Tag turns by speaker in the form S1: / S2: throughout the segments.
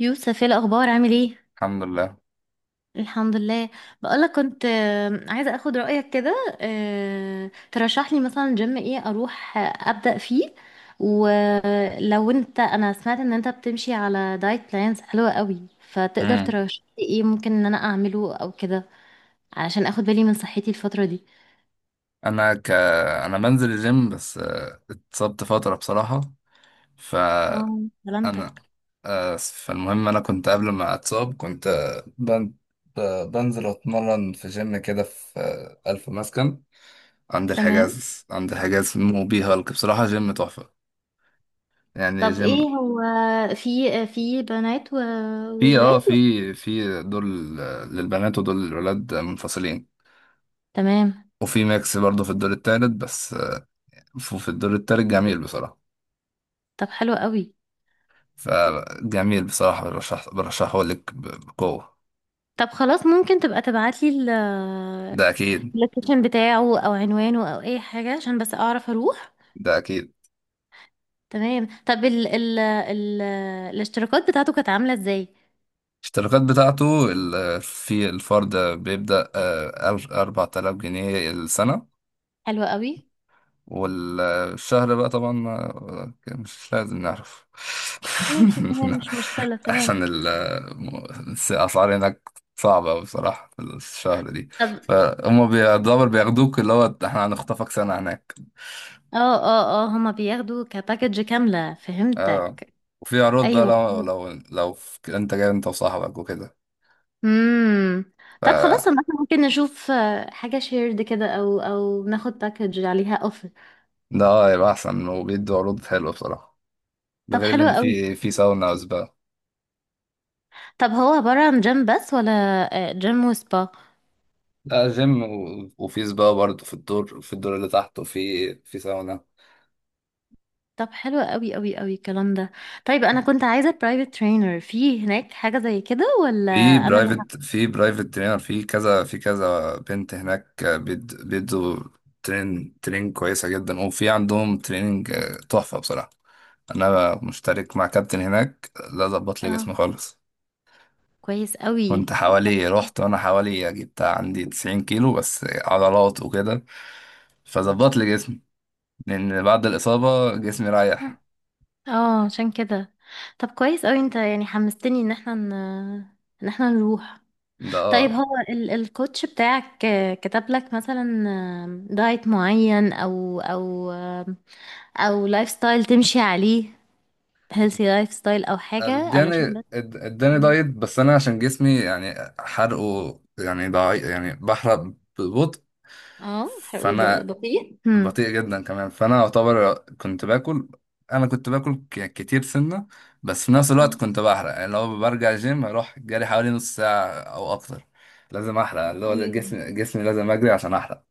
S1: يوسف، ايه الاخبار؟ عامل ايه؟
S2: الحمد لله.
S1: الحمد لله. بقولك كنت عايزه اخد رايك كده. ترشح لي مثلا جيم ايه اروح ابدا فيه. ولو انت انا سمعت ان انت بتمشي على دايت بلانز حلوه قوي، فتقدر
S2: امم
S1: ترشح لي ايه ممكن ان انا اعمله او كده، علشان اخد بالي من صحتي الفتره دي.
S2: انا ك انا بنزل الجيم، بس اتصبت فتره بصراحه. فانا
S1: اه، سلامتك.
S2: آه، فالمهم انا كنت قبل ما اتصاب، كنت بنزل اتمرن في جيم كده في الف مسكن، عند
S1: تمام.
S2: الحجاز. في موبي هالك، بصراحه جيم تحفه. يعني
S1: طب
S2: جيم،
S1: ايه هو، في في بنات
S2: في اه
S1: وولاد.
S2: في في دول للبنات ودول للولاد منفصلين،
S1: تمام.
S2: وفي ميكس برضه في الدور التالت، بس في الدور التالت جميل بصراحه.
S1: طب حلو قوي.
S2: فجميل بصراحة، برشحه لك بقوة.
S1: طب خلاص، ممكن تبقى تبعتلي
S2: ده أكيد.
S1: اللوكيشن بتاعه او عنوانه او اي حاجة عشان بس اعرف اروح.
S2: ده أكيد.
S1: تمام. طب ال ال ال الاشتراكات بتاعته كانت عاملة ازاي؟
S2: الاشتراكات بتاعته في الفرد بيبدأ أربعة آلاف جنيه السنة،
S1: حلوة قوي.
S2: والشهر بقى طبعا مش لازم نعرف.
S1: ماشي تمام، مش مشكلة، تمام.
S2: أحسن الأسعار هناك صعبة أوي بصراحة في الشهر دي.
S1: طب،
S2: فهم بيعتبر بياخدوك، اللي هو احنا هنخطفك سنة هناك.
S1: اه اه اه، هما بياخدوا كباكج كاملة،
S2: اه
S1: فهمتك.
S2: وفي عروض بقى،
S1: ايوه.
S2: لو انت جاي انت وصاحبك وكده.
S1: امم.
S2: ف
S1: طب خلاص، إحنا ممكن نشوف حاجة شيرد كده، او او ناخد باكج عليها اوفر.
S2: ده، يبقى احسن، وبيدوا عروض حلوه بصراحه. ده
S1: طب
S2: غير
S1: حلوة
S2: ان
S1: قوي.
S2: في ساونا وسبا.
S1: طب هو عبارة عن جيم بس، ولا جيم وسبا؟
S2: لا، جيم وفي سبا برضه في الدور، اللي تحت، وفي ساونا.
S1: طب حلو قوي قوي قوي الكلام ده. طيب، انا كنت عايزه برايفت ترينر في هناك، حاجه زي كده ولا؟
S2: في
S1: انا اللي ه-
S2: برايفت، ترينر، في كذا، في كذا بنت هناك بيدوا ترين كويسه جدا، وفي عندهم تريننج تحفه بصراحه. انا مشترك مع كابتن هناك، لا، ظبط لي
S1: اه،
S2: جسمي خالص.
S1: كويس قوي.
S2: كنت
S1: طب
S2: حوالي، رحت وانا حوالي جبت عندي 90 كيلو، بس عضلات وكده. فظبط لي جسمي، لان بعد الاصابه جسمي
S1: حلو.
S2: رايح.
S1: اه، عشان كده. طب كويس قوي، انت يعني حمستني ان احنا نروح.
S2: ده،
S1: طيب، هو الكوتش بتاعك كتب لك مثلا دايت معين، او لايف ستايل تمشي عليه، هيلثي لايف ستايل، او حاجه علشان بس.
S2: اداني
S1: مم.
S2: دايت، بس انا عشان جسمي يعني حرقه يعني ضعيف، يعني بحرق ببطء.
S1: اه، حلو،
S2: فانا
S1: بسيط. مم.
S2: بطيء جدا كمان. فانا اعتبر كنت باكل، انا كنت باكل ك- كتير سنه، بس في نفس الوقت كنت بحرق. يعني لو برجع جيم، اروح جري حوالي نص ساعه او اكتر. لازم احرق، اللي هو
S1: ايوه،
S2: جسمي، لازم اجري عشان احرق.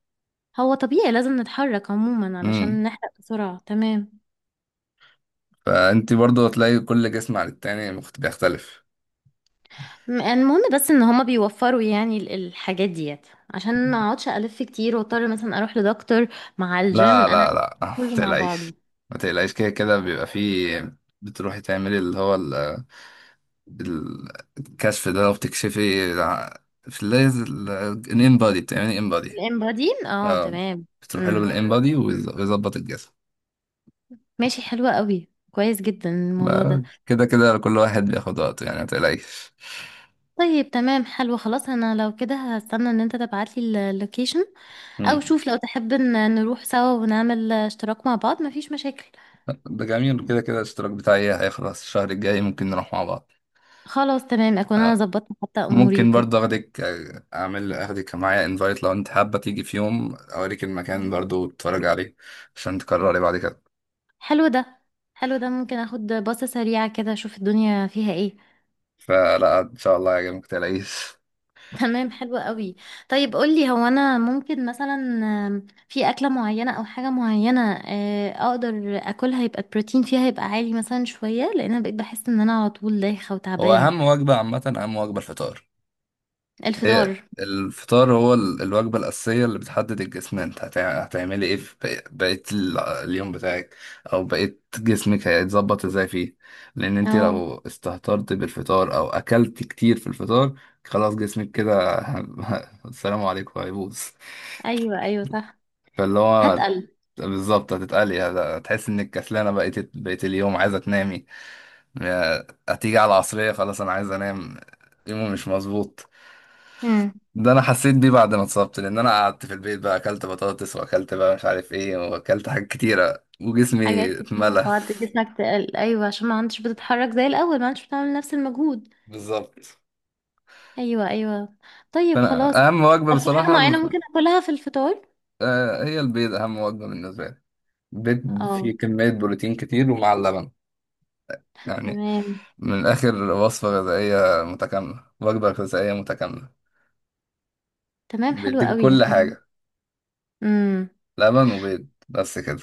S1: هو طبيعي لازم نتحرك عموما
S2: امم
S1: علشان نحرق بسرعة، تمام.
S2: فانت برضو هتلاقي كل جسم عن التاني بيختلف.
S1: المهم بس ان هما بيوفروا يعني الحاجات ديت، عشان ما اقعدش الف كتير واضطر مثلا اروح لدكتور مع
S2: لا،
S1: الجيم، انا
S2: لا،
S1: عايزة
S2: لا. ما
S1: كله مع
S2: تقلقيش،
S1: بعضه.
S2: ما تقلقيش، كده كده بيبقى فيه. بتروحي تعملي اللي هو ال- الكشف ده، وبتكشفي في الليز. الان بادي، بتعملي ان بادي.
S1: الامبادين، اه
S2: اه
S1: تمام.
S2: بتروح له
S1: امم.
S2: بالان بادي ويظبط الجسم.
S1: ماشي، حلوة قوي، كويس جدا الموضوع ده.
S2: كده كده كل واحد بياخد وقته، يعني ما تقلقش.
S1: طيب تمام، حلو، خلاص. انا لو كده هستنى ان انت تبعتلي اللوكيشن، او
S2: مم.
S1: شوف لو تحب ان نروح سوا ونعمل اشتراك مع بعض، مفيش مشاكل.
S2: ده جميل، كده كده الاشتراك بتاعي هيخلص الشهر الجاي، ممكن نروح مع بعض.
S1: خلاص تمام، اكون انا
S2: آه،
S1: ظبطت حتى اموري
S2: ممكن
S1: وكده.
S2: برضه اخدك آه، اعمل اخدك معايا انفايت، لو انت حابة تيجي في يوم، اوريك المكان
S1: مم.
S2: برضه وتتفرج عليه، عشان تكرري بعد كده.
S1: حلو ده حلو ده ممكن اخد باصة سريعة كده اشوف الدنيا فيها ايه.
S2: فلا ان شاء الله يا جماعة، متقلقيش.
S1: تمام، حلو قوي. طيب قولي، هو انا ممكن مثلا في اكلة معينة او حاجة معينة اقدر اكلها يبقى البروتين فيها يبقى عالي مثلا شوية، لان انا بقيت بحس ان انا على طول دايخة
S2: هو
S1: وتعبانة.
S2: اهم وجبة عامة، اهم وجبة الفطار. هي
S1: الفطار.
S2: الفطار هو الوجبة الأساسية اللي بتحدد الجسم. أنت هتعملي إيه في بقية اليوم بتاعك، أو بقية جسمك هيتظبط إزاي فيه. لأن أنت
S1: اه.
S2: لو استهترت بالفطار، أو أكلت كتير في الفطار، خلاص جسمك كده السلام عليكم هيبوظ.
S1: ايوه ايوه صح.
S2: فاللي هو
S1: هتقل.
S2: بالظبط، هتتقلي، هتحس إنك كسلانة بقية اليوم، عايزة تنامي، هتيجي على العصرية خلاص، أنا عايز أنام، يومي مش مظبوط.
S1: امم.
S2: ده انا حسيت بيه بعد ما اتصبت، لان انا قعدت في البيت، بقى اكلت بطاطس واكلت، بقى مش عارف ايه، واكلت حاجات كتيره
S1: حاجات
S2: وجسمي
S1: كتير مع
S2: اتملى.
S1: بعض جسمك تقل، ايوه، عشان ما عندش بتتحرك زي الاول، ما عندش بتعمل نفس المجهود.
S2: بالظبط.
S1: ايوه ايوه. طيب خلاص.
S2: فانا اهم وجبه
S1: طب في حاجة
S2: بصراحه،
S1: معينة ممكن اكلها في الفطار؟
S2: هي البيض، اهم وجبه بالنسبه لي. البيض
S1: اه،
S2: فيه كميه بروتين كتير، ومع اللبن، يعني
S1: تمام
S2: من الاخر، وصفه غذائيه متكامله، وجبه غذائيه متكامله،
S1: تمام، حلو
S2: بيديك
S1: قوي.
S2: كل حاجه،
S1: امم.
S2: لبن وبيض بس كده.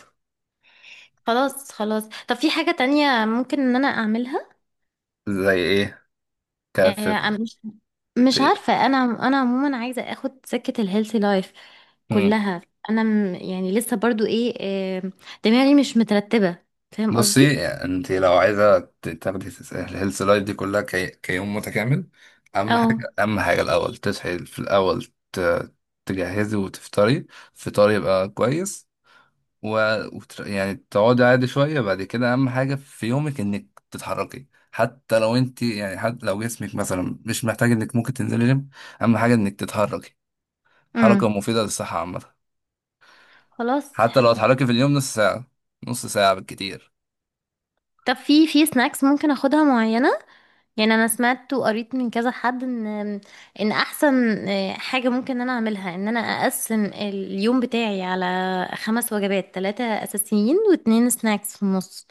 S1: خلاص خلاص. طب في حاجة تانية ممكن ان انا اعملها؟
S2: زي ايه؟ كف.
S1: مش مش عارفة انا. انا عموما عايزة اخد سكة الهيلثي لايف
S2: في،
S1: كلها. انا يعني لسه برضو ايه، آه، دماغي مش مترتبة، فاهم
S2: بصي،
S1: قصدي؟
S2: انت لو عايزه تاخدي الهيلث لايف دي كلها كيوم متكامل. اهم حاجه،
S1: اه.
S2: اهم حاجه، الاول تصحي في الاول، تجهزي وتفطري، فطار يبقى كويس. و... يعني تقعدي عادي شويه. بعد كده اهم حاجه في يومك انك تتحركي، حتى لو انت يعني، حتى لو جسمك مثلا مش محتاج، انك ممكن تنزلي جيم. اهم حاجه انك تتحركي، حركه
S1: امم.
S2: مفيده للصحه عامه.
S1: خلاص
S2: حتى لو
S1: حلو.
S2: اتحركي في اليوم نص ساعه، نص ساعه بالكتير.
S1: طب في سناكس ممكن اخدها معينة، يعني انا سمعت وقريت من كذا حد ان احسن حاجه ممكن انا اعملها ان انا اقسم اليوم بتاعي على خمس وجبات، ثلاثه اساسيين واتنين سناكس في النص.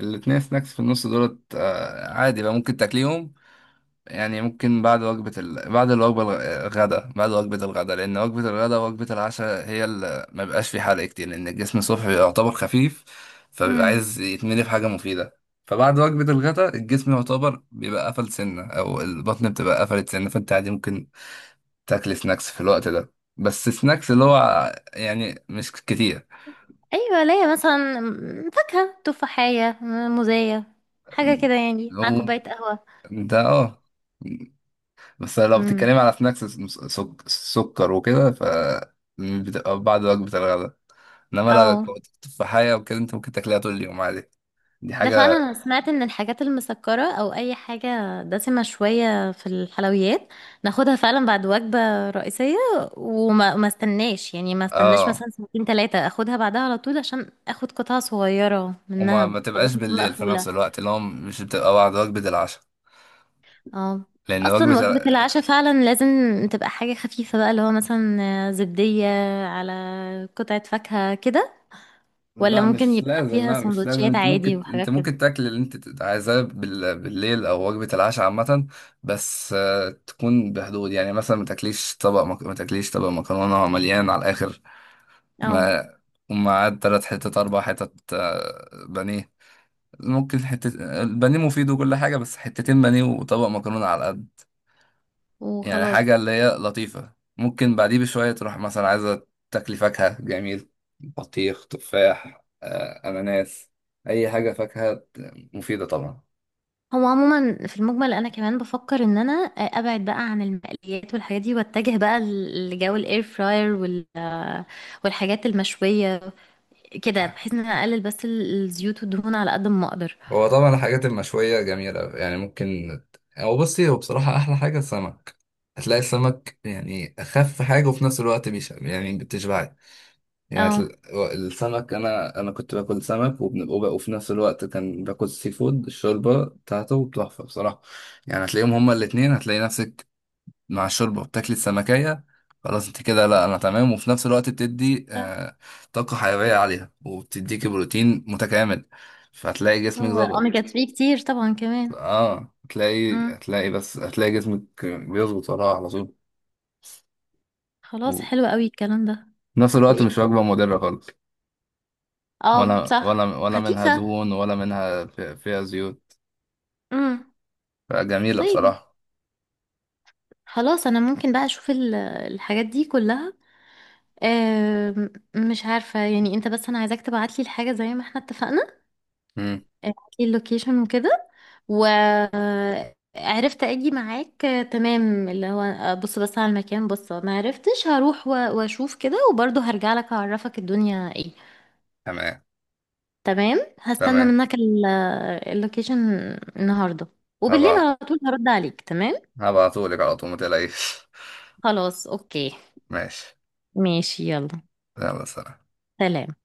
S2: الاتنين سناكس في النص دولت عادي بقى، ممكن تاكليهم. يعني ممكن بعد الوجبة الغداء، بعد وجبة الغداء، لأن وجبة الغداء ووجبة العشاء هي اللي ما بيبقاش في حرق كتير، لأن الجسم الصبح يعتبر خفيف، فبيبقى
S1: امم.
S2: عايز يتملي بحاجة مفيدة. فبعد وجبة الغداء الجسم يعتبر بيبقى قفل سنة، أو البطن بتبقى قفلت سنة، فأنت عادي ممكن تاكل سناكس في الوقت ده، بس سناكس اللي هو يعني مش كتير.
S1: ايوه، ليا مثلا فاكهه تفاحيه موزايه، حاجه كده يعني، مع
S2: لو
S1: كوبايه قهوه.
S2: ده اه بس لو بتتكلمي
S1: امم.
S2: على سناكس سكر وكده، بتبقى بعد وجبة الغداء، انما لو
S1: اه.
S2: كنت تفاحية وكده، انت ممكن تاكلها طول اليوم عادي. دي
S1: ده
S2: حاجة.
S1: فعلا، انا سمعت ان الحاجات المسكرة او اي حاجة دسمة شوية في الحلويات، ناخدها فعلا بعد وجبة رئيسية، وما ما استناش، يعني ما استناش
S2: اه
S1: مثلا ساعتين ثلاثة، اخدها بعدها على طول عشان اخد قطعة صغيرة منها
S2: ما
S1: بطبقة
S2: تبقاش
S1: تكون
S2: بالليل في
S1: مقفولة.
S2: نفس الوقت، اللي هو مش بتبقى بعد وجبة العشاء،
S1: اه.
S2: لأن
S1: اصلا
S2: وجبة
S1: وجبة
S2: ال...
S1: العشاء فعلا لازم تبقى حاجة خفيفة بقى، اللي هو مثلا زبدية على قطعة فاكهة كده، ولا
S2: لا
S1: ممكن
S2: مش
S1: يبقى
S2: لازم،
S1: فيها
S2: لا مش لازم.
S1: سندوتشات
S2: انت
S1: عادي
S2: ممكن،
S1: وحاجات كده؟
S2: تاكل اللي انت عايزاه بالليل، او وجبة العشاء عامة، بس تكون بحدود. يعني مثلا ما تاكليش طبق مكرونة مليان على الآخر،
S1: اه،
S2: ما ومعاه تلات حتت، أربع حتت بانيه. ممكن حتة، البانيه مفيد وكل حاجة، بس حتتين بانيه وطبق مكرونة على القد، يعني
S1: وخلاص.
S2: حاجة اللي هي لطيفة. ممكن بعديه بشوية تروح مثلا عايزة تاكلي فاكهة، جميل، بطيخ، تفاح، أناناس، أي حاجة فاكهة مفيدة طبعا.
S1: هو عموما في المجمل انا كمان بفكر ان انا ابعد بقى عن المقليات والحاجات دي، واتجه بقى لجو الاير فراير والحاجات المشويه كده، بحيث ان انا اقلل بس الزيوت والدهون على قد ما اقدر.
S2: هو طبعا الحاجات المشوية جميلة، يعني ممكن. هو بصي، هو بصراحة أحلى حاجة السمك. هتلاقي السمك يعني أخف حاجة، وفي نفس الوقت يعني بتشبعك. يعني
S1: اه
S2: السمك، انا كنت باكل سمك، وفي نفس الوقت كان باكل سي فود. الشوربه بتاعته تحفه بصراحه. يعني هتلاقيهم هما الاتنين، هتلاقي نفسك مع الشوربه بتاكلي السمكيه، خلاص انت كده، لا، انا تمام. وفي نفس الوقت بتدي
S1: صح.
S2: طاقه حيويه عليها، وبتديكي بروتين متكامل، فهتلاقي جسمك
S1: هو اوميجا
S2: ظبط.
S1: 3 كتير طبعا كمان.
S2: اه هتلاقي
S1: امم.
S2: هتلاقي بس هتلاقي جسمك بيظبط وراها على طول.
S1: خلاص
S2: وفي
S1: حلو قوي الكلام ده.
S2: نفس الوقت
S1: وايه
S2: مش
S1: كمان؟
S2: وجبه مضره خالص،
S1: اه صح.
S2: ولا منها
S1: خفيفه.
S2: دهون، ولا منها فيها زيوت.
S1: امم.
S2: فجميلة
S1: طيب
S2: بصراحة.
S1: خلاص، انا ممكن بقى اشوف الحاجات دي كلها. مش عارفة يعني، انت بس انا عايزاك تبعتلي الحاجة زي ما احنا اتفقنا،
S2: مم.
S1: ابعتلي اللوكيشن وكده وعرفت اجي معاك. تمام، اللي هو بص بس على المكان، بص ما عرفتش هروح واشوف كده، وبرضه هرجع لك اعرفك الدنيا ايه.
S2: تمام،
S1: تمام، هستنى
S2: تمام.
S1: منك اللوكيشن النهارده، وبالليل
S2: هبعت
S1: على طول هرد عليك، تمام.
S2: هبعتهولك على طول، ما تقلقيش.
S1: خلاص، اوكي.
S2: ماشي،
S1: ماشي يلا،
S2: يلا، سلام.
S1: سلام.